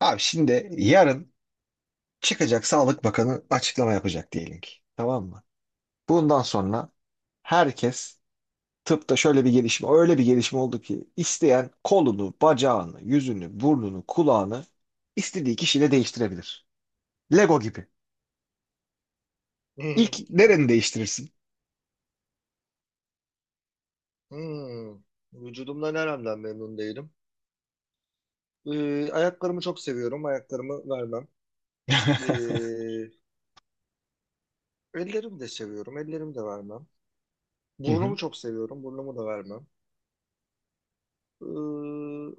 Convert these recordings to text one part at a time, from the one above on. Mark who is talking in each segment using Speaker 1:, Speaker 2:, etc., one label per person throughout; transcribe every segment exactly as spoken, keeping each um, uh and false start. Speaker 1: Abi şimdi yarın çıkacak Sağlık Bakanı açıklama yapacak diyelim ki. Tamam mı? Bundan sonra herkes tıpta şöyle bir gelişme, öyle bir gelişme oldu ki isteyen kolunu, bacağını, yüzünü, burnunu, kulağını istediği kişiyle değiştirebilir. Lego gibi. İlk nereni değiştirirsin?
Speaker 2: Hmm. Vücudumdan neremden memnun değilim. Ee, ayaklarımı çok seviyorum. Ayaklarımı vermem. Ee, ellerimi de seviyorum. Ellerimi de vermem.
Speaker 1: Hı hı.
Speaker 2: Burnumu çok seviyorum. Burnumu da vermem. Ee,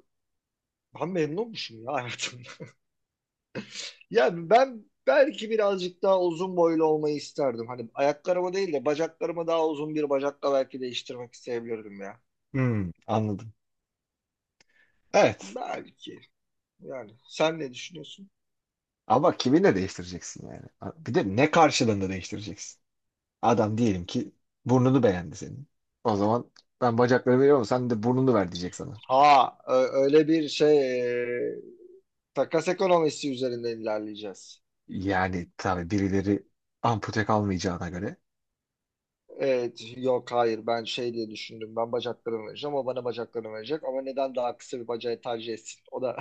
Speaker 2: ben memnunmuşum ya hayatımda. Yani ben belki birazcık daha uzun boylu olmayı isterdim. Hani ayaklarımı değil de bacaklarımı daha uzun bir bacakla belki değiştirmek isteyebilirdim ya.
Speaker 1: Hmm, anladım. Evet.
Speaker 2: Belki. Yani sen ne düşünüyorsun?
Speaker 1: Ama kiminle değiştireceksin yani? Bir de ne karşılığında değiştireceksin? Adam diyelim ki burnunu beğendi senin. O zaman ben bacakları veriyorum sen de burnunu ver diyecek sana.
Speaker 2: Ha, ö- öyle bir şey. e, Takas ekonomisi üzerinden ilerleyeceğiz.
Speaker 1: Yani tabii birileri ampute kalmayacağına göre.
Speaker 2: Evet, yok hayır, ben şey diye düşündüm. Ben bacaklarımı vereceğim, o bana bacaklarını verecek. Ama neden daha kısa bir bacağı tercih etsin? O da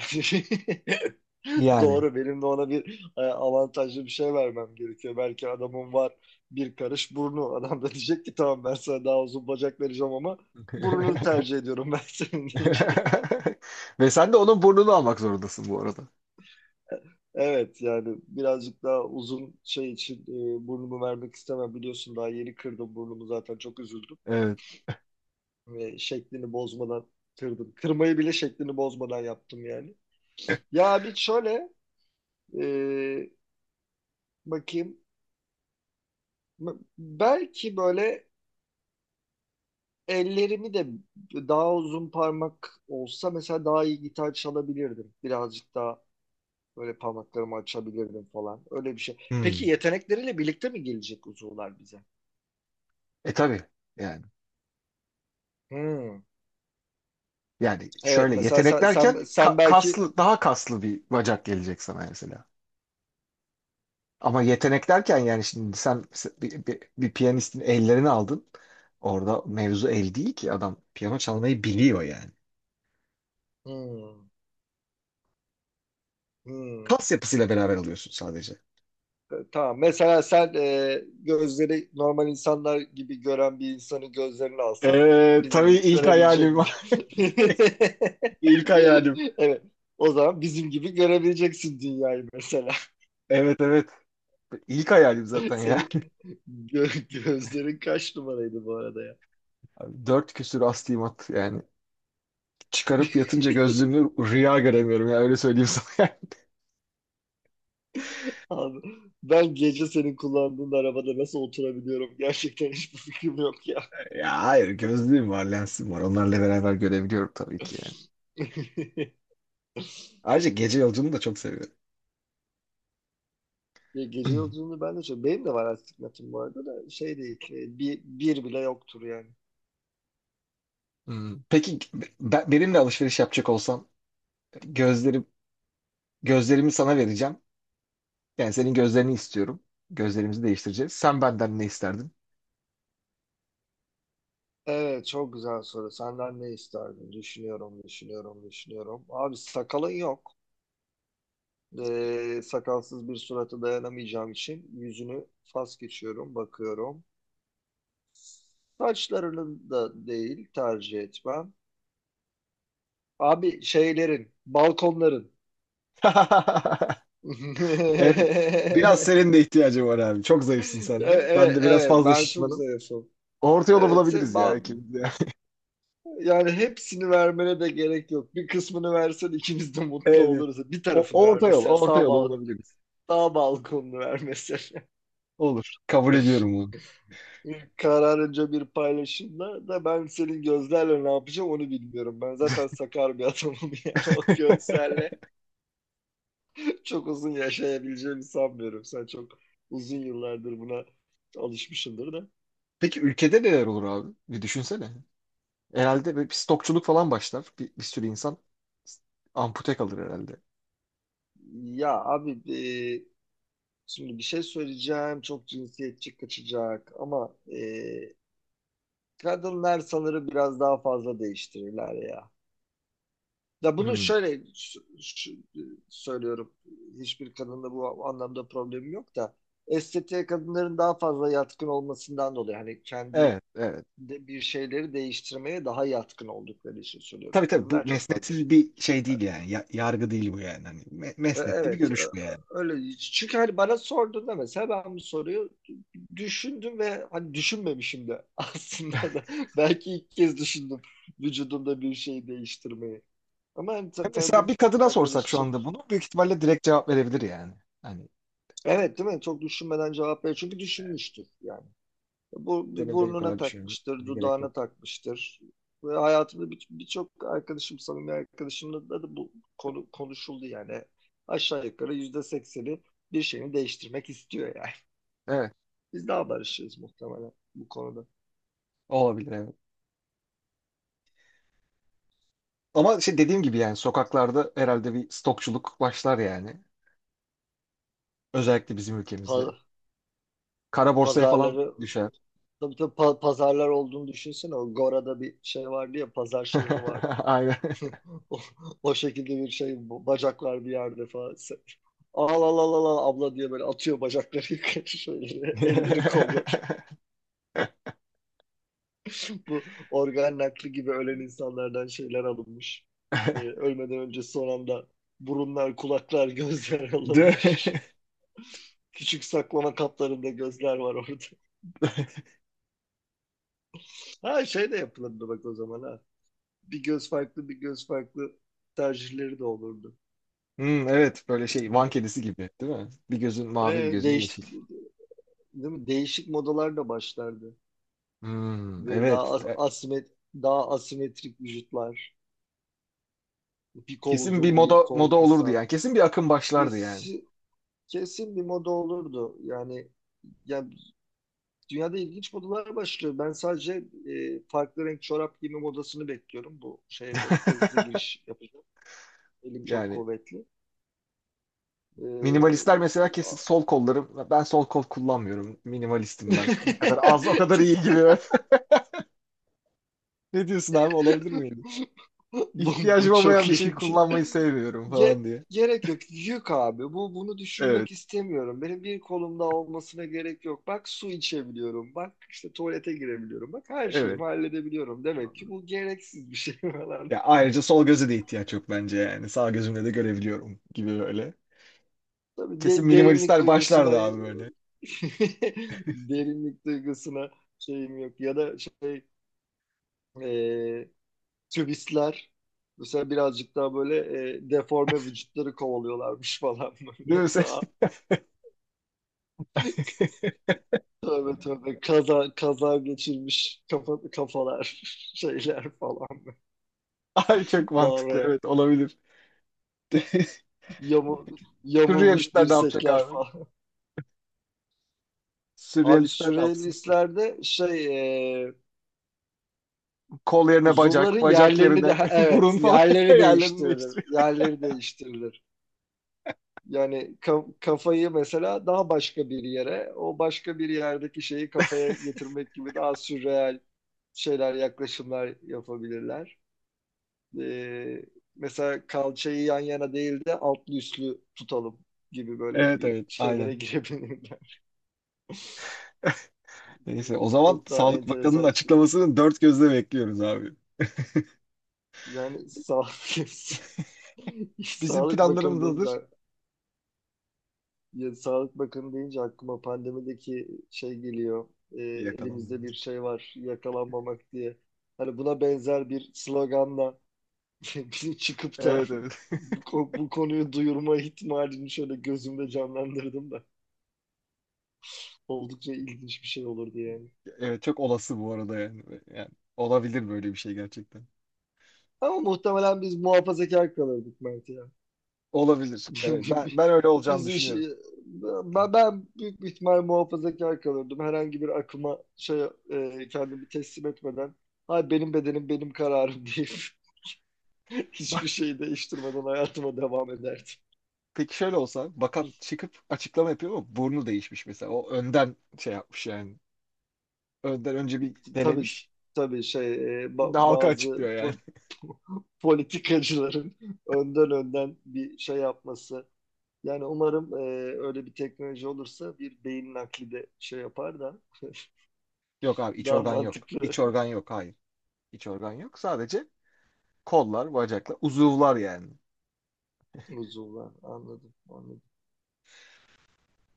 Speaker 1: Yani.
Speaker 2: doğru. Benim de ona bir e, avantajlı bir şey vermem gerekiyor. Belki adamın var bir karış burnu. Adam da diyecek ki tamam, ben sana daha uzun bacak vereceğim ama burnunu tercih ediyorum ben senin diyecek.
Speaker 1: Ve sen de onun burnunu almak zorundasın bu arada.
Speaker 2: Evet yani birazcık daha uzun şey için e, burnumu vermek istemem. Biliyorsun daha yeni kırdım burnumu, zaten çok üzüldüm.
Speaker 1: Evet.
Speaker 2: Ve şeklini bozmadan kırdım. Kırmayı bile şeklini bozmadan yaptım yani. Ya bir şöyle e, bakayım. Belki böyle ellerimi de daha uzun parmak olsa mesela daha iyi gitar çalabilirdim. Birazcık daha böyle parmaklarımı açabilirdim falan. Öyle bir şey. Peki
Speaker 1: Hmm.
Speaker 2: yetenekleriyle birlikte mi gelecek uzuvlar bize?
Speaker 1: E tabii yani.
Speaker 2: Hmm.
Speaker 1: Yani
Speaker 2: Evet,
Speaker 1: şöyle
Speaker 2: mesela
Speaker 1: yetenek
Speaker 2: sen, sen,
Speaker 1: derken
Speaker 2: sen
Speaker 1: ka-
Speaker 2: belki
Speaker 1: kaslı daha kaslı bir bacak gelecek sana mesela. Ama yetenek derken yani şimdi sen bir, bir, bir piyanistin ellerini aldın. Orada mevzu el değil ki adam piyano çalmayı biliyor yani.
Speaker 2: hmm. Hmm.
Speaker 1: Kas yapısıyla beraber alıyorsun sadece.
Speaker 2: Tamam. Mesela sen e, gözleri normal insanlar gibi gören bir insanın gözlerini alsan
Speaker 1: Ee,
Speaker 2: bizim
Speaker 1: tabii
Speaker 2: gibi
Speaker 1: ilk hayalim.
Speaker 2: görebilecek.
Speaker 1: İlk hayalim.
Speaker 2: Evet. O zaman bizim gibi görebileceksin dünyayı mesela.
Speaker 1: Evet, evet. İlk hayalim zaten ya.
Speaker 2: Senin gö- gözlerin kaç numaraydı bu arada ya?
Speaker 1: Abi, dört küsür astigmat yani. Çıkarıp yatınca gözlüğümü rüya göremiyorum ya, öyle söyleyeyim sana.
Speaker 2: Abi, ben gece senin kullandığın arabada nasıl oturabiliyorum? Gerçekten hiçbir fikrim yok ya.
Speaker 1: Ya hayır, gözlüğüm var lensim var, onlarla beraber görebiliyorum tabii ki yani. Ayrıca gece yolculuğunu da çok seviyorum.
Speaker 2: Ya gece yolculuğunu ben de çok... Benim de var astigmatım bu arada, da şey değil. e, Bir, bir bile yoktur yani.
Speaker 1: Hmm. Peki ben, benimle alışveriş yapacak olsan gözlerim gözlerimi sana vereceğim. Yani senin gözlerini istiyorum. Gözlerimizi değiştireceğiz. Sen benden ne isterdin?
Speaker 2: Evet, çok güzel soru. Senden ne isterdin? Düşünüyorum, düşünüyorum, düşünüyorum. Abi sakalın yok. Ee, sakalsız bir surata dayanamayacağım için yüzünü fas geçiyorum, bakıyorum. Saçlarının da değil tercih etmem. Abi şeylerin, balkonların.
Speaker 1: Evet. Biraz senin de ihtiyacın var abi. Çok zayıfsın sen de.
Speaker 2: Evet,
Speaker 1: Ben
Speaker 2: evet,
Speaker 1: de biraz
Speaker 2: evet,
Speaker 1: fazla
Speaker 2: ben çok
Speaker 1: şişmanım.
Speaker 2: zayıfım.
Speaker 1: Orta yolu
Speaker 2: Evet, se-
Speaker 1: bulabiliriz ya
Speaker 2: bal-
Speaker 1: ikimiz de.
Speaker 2: Yani hepsini vermene de gerek yok. Bir kısmını versen ikimiz de mutlu
Speaker 1: Evet, evet.
Speaker 2: oluruz. Bir
Speaker 1: O,
Speaker 2: tarafını ver
Speaker 1: orta yol,
Speaker 2: mesela
Speaker 1: orta
Speaker 2: sağ
Speaker 1: yolu
Speaker 2: bal
Speaker 1: bulabiliriz.
Speaker 2: sağ balkonunu ver mesela.
Speaker 1: Olur. Kabul ediyorum bunu.
Speaker 2: Kararınca bir paylaşımla da ben senin gözlerle ne yapacağım onu bilmiyorum. Ben zaten sakar bir adamım, yani o gözlerle çok uzun yaşayabileceğimi sanmıyorum. Sen çok uzun yıllardır buna alışmışsındır da.
Speaker 1: Peki ülkede neler olur abi? Bir düşünsene. Herhalde böyle bir stokçuluk falan başlar. Bir, bir sürü insan ampute kalır herhalde.
Speaker 2: Ya abi e, şimdi bir şey söyleyeceğim, çok cinsiyetçi kaçacak ama e, Kadınlar sanırım biraz daha fazla değiştirirler ya. Ya bunu
Speaker 1: Hmm,
Speaker 2: şöyle s- ş- söylüyorum. Hiçbir kadında bu anlamda problemim yok da estetiğe kadınların daha fazla yatkın olmasından dolayı, hani kendi
Speaker 1: evet, evet.
Speaker 2: de bir şeyleri değiştirmeye daha yatkın oldukları için söylüyorum.
Speaker 1: Tabii tabii, bu
Speaker 2: Kadınlar çok fazla
Speaker 1: mesnetsiz
Speaker 2: şey.
Speaker 1: bir şey değil yani. Ya- yargı değil bu yani. Hani me-
Speaker 2: E,
Speaker 1: mesnetli bir
Speaker 2: Evet, e,
Speaker 1: görüş bu yani.
Speaker 2: öyle. Çünkü hani bana sorduğunda mesela ben bu soruyu düşündüm ve hani düşünmemişim de aslında da belki ilk kez düşündüm vücudumda bir şey değiştirmeyi. Ama hani
Speaker 1: Ya
Speaker 2: ta-
Speaker 1: mesela
Speaker 2: tanıdığım
Speaker 1: bir kadına
Speaker 2: bir
Speaker 1: sorsak şu
Speaker 2: arkadaşım,
Speaker 1: anda bunu büyük ihtimalle direkt cevap verebilir yani. Hani
Speaker 2: evet değil mi? Çok düşünmeden cevap veriyor. Çünkü düşünmüştür yani. Bu
Speaker 1: senin benim
Speaker 2: burnuna
Speaker 1: kadar düşünmene
Speaker 2: takmıştır,
Speaker 1: gerek yok.
Speaker 2: dudağına takmıştır. Ve hayatımda bir- birçok arkadaşım, samimi arkadaşımla da, da bu konu konuşuldu yani. Aşağı yukarı yüzde sekseni bir şeyini değiştirmek istiyor yani.
Speaker 1: Evet,
Speaker 2: Biz daha barışırız muhtemelen bu konuda.
Speaker 1: olabilir evet. Ama şey, dediğim gibi yani sokaklarda herhalde bir stokçuluk başlar yani. Özellikle bizim ülkemizde.
Speaker 2: Pa-
Speaker 1: Kara borsaya falan
Speaker 2: pazarları,
Speaker 1: düşer.
Speaker 2: tabii tabii, pa- pazarlar olduğunu düşünsene. O Gora'da bir şey vardı ya, pazar şehri vardı.
Speaker 1: Aynen.
Speaker 2: O, o şekilde bir şey, bu bacaklar bir yerde falan. Sen- Al al al al al abla diye böyle atıyor bacakları yukarı şöyle, elleri kolları. Bu organ nakli gibi ölen insanlardan şeyler alınmış. Ee, ölmeden önce son anda burunlar, kulaklar, gözler
Speaker 1: De-
Speaker 2: alınmış. Küçük saklama kaplarında gözler var orada. Ha şey de yapılırdı bak o zaman, ha. Bir göz farklı, bir göz farklı tercihleri de olurdu.
Speaker 1: Hmm, evet böyle şey, Van
Speaker 2: De-
Speaker 1: kedisi gibi değil mi? Bir gözün mavi bir
Speaker 2: Ee,
Speaker 1: gözün
Speaker 2: değiş,
Speaker 1: yeşil.
Speaker 2: değil mi? Değişik modalar da başlardı.
Speaker 1: Hmm,
Speaker 2: Ve daha
Speaker 1: evet.
Speaker 2: as-
Speaker 1: E,
Speaker 2: asimet daha asimetrik vücutlar. Bir kol
Speaker 1: kesin bir
Speaker 2: uzun, bir
Speaker 1: moda
Speaker 2: kol
Speaker 1: moda olurdu
Speaker 2: kısa.
Speaker 1: yani. Kesin bir akım başlardı yani.
Speaker 2: Kesin, Kesin bir moda olurdu. Yani ya dünyada ilginç modalar başlıyor. Ben sadece e, farklı renk çorap giyme modasını bekliyorum. Bu şeye çok hızlı giriş yapacağım. Elim çok
Speaker 1: Yani
Speaker 2: kuvvetli. E,
Speaker 1: minimalistler mesela kesin sol kollarım. Ben sol kol kullanmıyorum. Minimalistim ben. Ne kadar az o kadar iyi gibi. Ne diyorsun abi, olabilir miydi?
Speaker 2: bu, bu
Speaker 1: İhtiyacım
Speaker 2: çok
Speaker 1: olmayan bir şeyi
Speaker 2: iyiydi.
Speaker 1: kullanmayı sevmiyorum
Speaker 2: Ge-
Speaker 1: falan diye.
Speaker 2: gerek yok. Yük abi. Bu bunu
Speaker 1: Evet,
Speaker 2: düşünmek istemiyorum. Benim bir kolumda olmasına gerek yok. Bak, su içebiliyorum. Bak işte, tuvalete girebiliyorum. Bak, her şeyimi
Speaker 1: evet.
Speaker 2: halledebiliyorum. Demek ki bu gereksiz bir şey falan.
Speaker 1: Ya ayrıca sol göze de ihtiyaç yok bence yani. Sağ gözümle de görebiliyorum gibi böyle.
Speaker 2: Tabii
Speaker 1: Kesin
Speaker 2: de- derinlik
Speaker 1: minimalistler
Speaker 2: duygusuna
Speaker 1: başlardı abi böyle.
Speaker 2: derinlik duygusuna şeyim yok. Ya da şey, e, turistler mesela birazcık daha böyle, e, deforme vücutları kovalıyorlarmış falan
Speaker 1: Değil
Speaker 2: böyle.
Speaker 1: mi sen?
Speaker 2: Daha tövbe tövbe kaza kaza geçirmiş kafa, kafalar şeyler falan.
Speaker 1: Ay çok
Speaker 2: Daha
Speaker 1: mantıklı,
Speaker 2: oraya
Speaker 1: evet olabilir.
Speaker 2: yamul, yamulmuş
Speaker 1: Sürrealistler ne yapacak
Speaker 2: dirsekler
Speaker 1: abi?
Speaker 2: falan. Abi
Speaker 1: Sürrealistler ne yapsın?
Speaker 2: sürrealistlerde şey, e,
Speaker 1: Kol yerine
Speaker 2: uzuvların
Speaker 1: bacak, bacak
Speaker 2: yerlerini de,
Speaker 1: yerine
Speaker 2: evet,
Speaker 1: burun falan
Speaker 2: yerleri
Speaker 1: yerlerini
Speaker 2: değiştirilir.
Speaker 1: değiştiriyor.
Speaker 2: Yerleri değiştirilir. Yani kafayı mesela daha başka bir yere, o başka bir yerdeki şeyi kafaya getirmek gibi daha sürreal şeyler, yaklaşımlar yapabilirler. Ee, mesela kalçayı yan yana değil de altlı üstlü tutalım gibi böyle
Speaker 1: Evet
Speaker 2: bir
Speaker 1: evet
Speaker 2: şeylere
Speaker 1: aynen.
Speaker 2: girebilirler.
Speaker 1: Neyse o zaman
Speaker 2: Çok daha
Speaker 1: Sağlık Bakanı'nın
Speaker 2: enteresan şey.
Speaker 1: açıklamasını dört gözle bekliyoruz abi.
Speaker 2: Yani sağlık,
Speaker 1: Bizim
Speaker 2: Sağlık
Speaker 1: planlarımız
Speaker 2: Bakanı deyince.
Speaker 1: hazır.
Speaker 2: Ya, Sağlık Bakanı deyince aklıma pandemideki şey geliyor. Ee, elimizde
Speaker 1: Yakalanmadı.
Speaker 2: bir şey var yakalanmamak diye. Hani buna benzer bir sloganla bizim çıkıp da
Speaker 1: Evet, evet.
Speaker 2: bu, ko- bu konuyu duyurma ihtimalini şöyle gözümde canlandırdım da oldukça ilginç bir şey olurdu yani.
Speaker 1: Evet, çok olası bu arada yani. Yani olabilir böyle bir şey gerçekten.
Speaker 2: Ama muhtemelen biz muhafazakar kalırdık Mert ya.
Speaker 1: Olabilir. Evet, ben ben öyle olacağını
Speaker 2: Biz iş,
Speaker 1: düşünüyorum.
Speaker 2: ben, ben büyük bir ihtimal muhafazakar kalırdım. Herhangi bir akıma şey, e, kendimi teslim etmeden, hay benim bedenim benim kararım deyip, hiçbir şeyi değiştirmeden hayatıma devam ederdim.
Speaker 1: Peki şöyle olsa, bakan çıkıp açıklama yapıyor ama burnu değişmiş mesela. O önden şey yapmış yani. Önden önce bir
Speaker 2: Tabii
Speaker 1: denemiş.
Speaker 2: tabii şey, e, ba-
Speaker 1: Şimdi halka
Speaker 2: bazı
Speaker 1: açıklıyor yani.
Speaker 2: po- politikacıların önden önden bir şey yapması. Yani umarım e, öyle bir teknoloji olursa bir beyin nakli de şey yapar da
Speaker 1: Yok abi, iç
Speaker 2: daha
Speaker 1: organ yok.
Speaker 2: mantıklı.
Speaker 1: İç organ yok. Hayır. İç organ yok. Sadece kollar, bacaklar, uzuvlar yani.
Speaker 2: Uzuvlar. Anladım, anladım.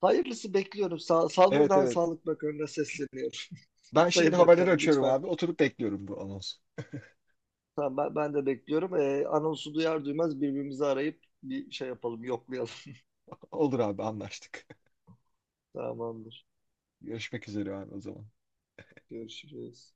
Speaker 2: Hayırlısı bekliyorum. Sağ, sağ
Speaker 1: Evet,
Speaker 2: buradan
Speaker 1: evet.
Speaker 2: Sağlık Bakanı'na sesleniyorum.
Speaker 1: Ben şimdi
Speaker 2: Sayın
Speaker 1: haberleri
Speaker 2: Bakanım,
Speaker 1: açıyorum
Speaker 2: lütfen.
Speaker 1: abi. Oturup bekliyorum bu anonsu.
Speaker 2: Tamam, ben, ben de bekliyorum. Ee, anonsu duyar duymaz birbirimizi arayıp bir şey yapalım, yoklayalım.
Speaker 1: Olur abi, anlaştık.
Speaker 2: Tamamdır.
Speaker 1: Görüşmek üzere abi o zaman.
Speaker 2: Görüşürüz.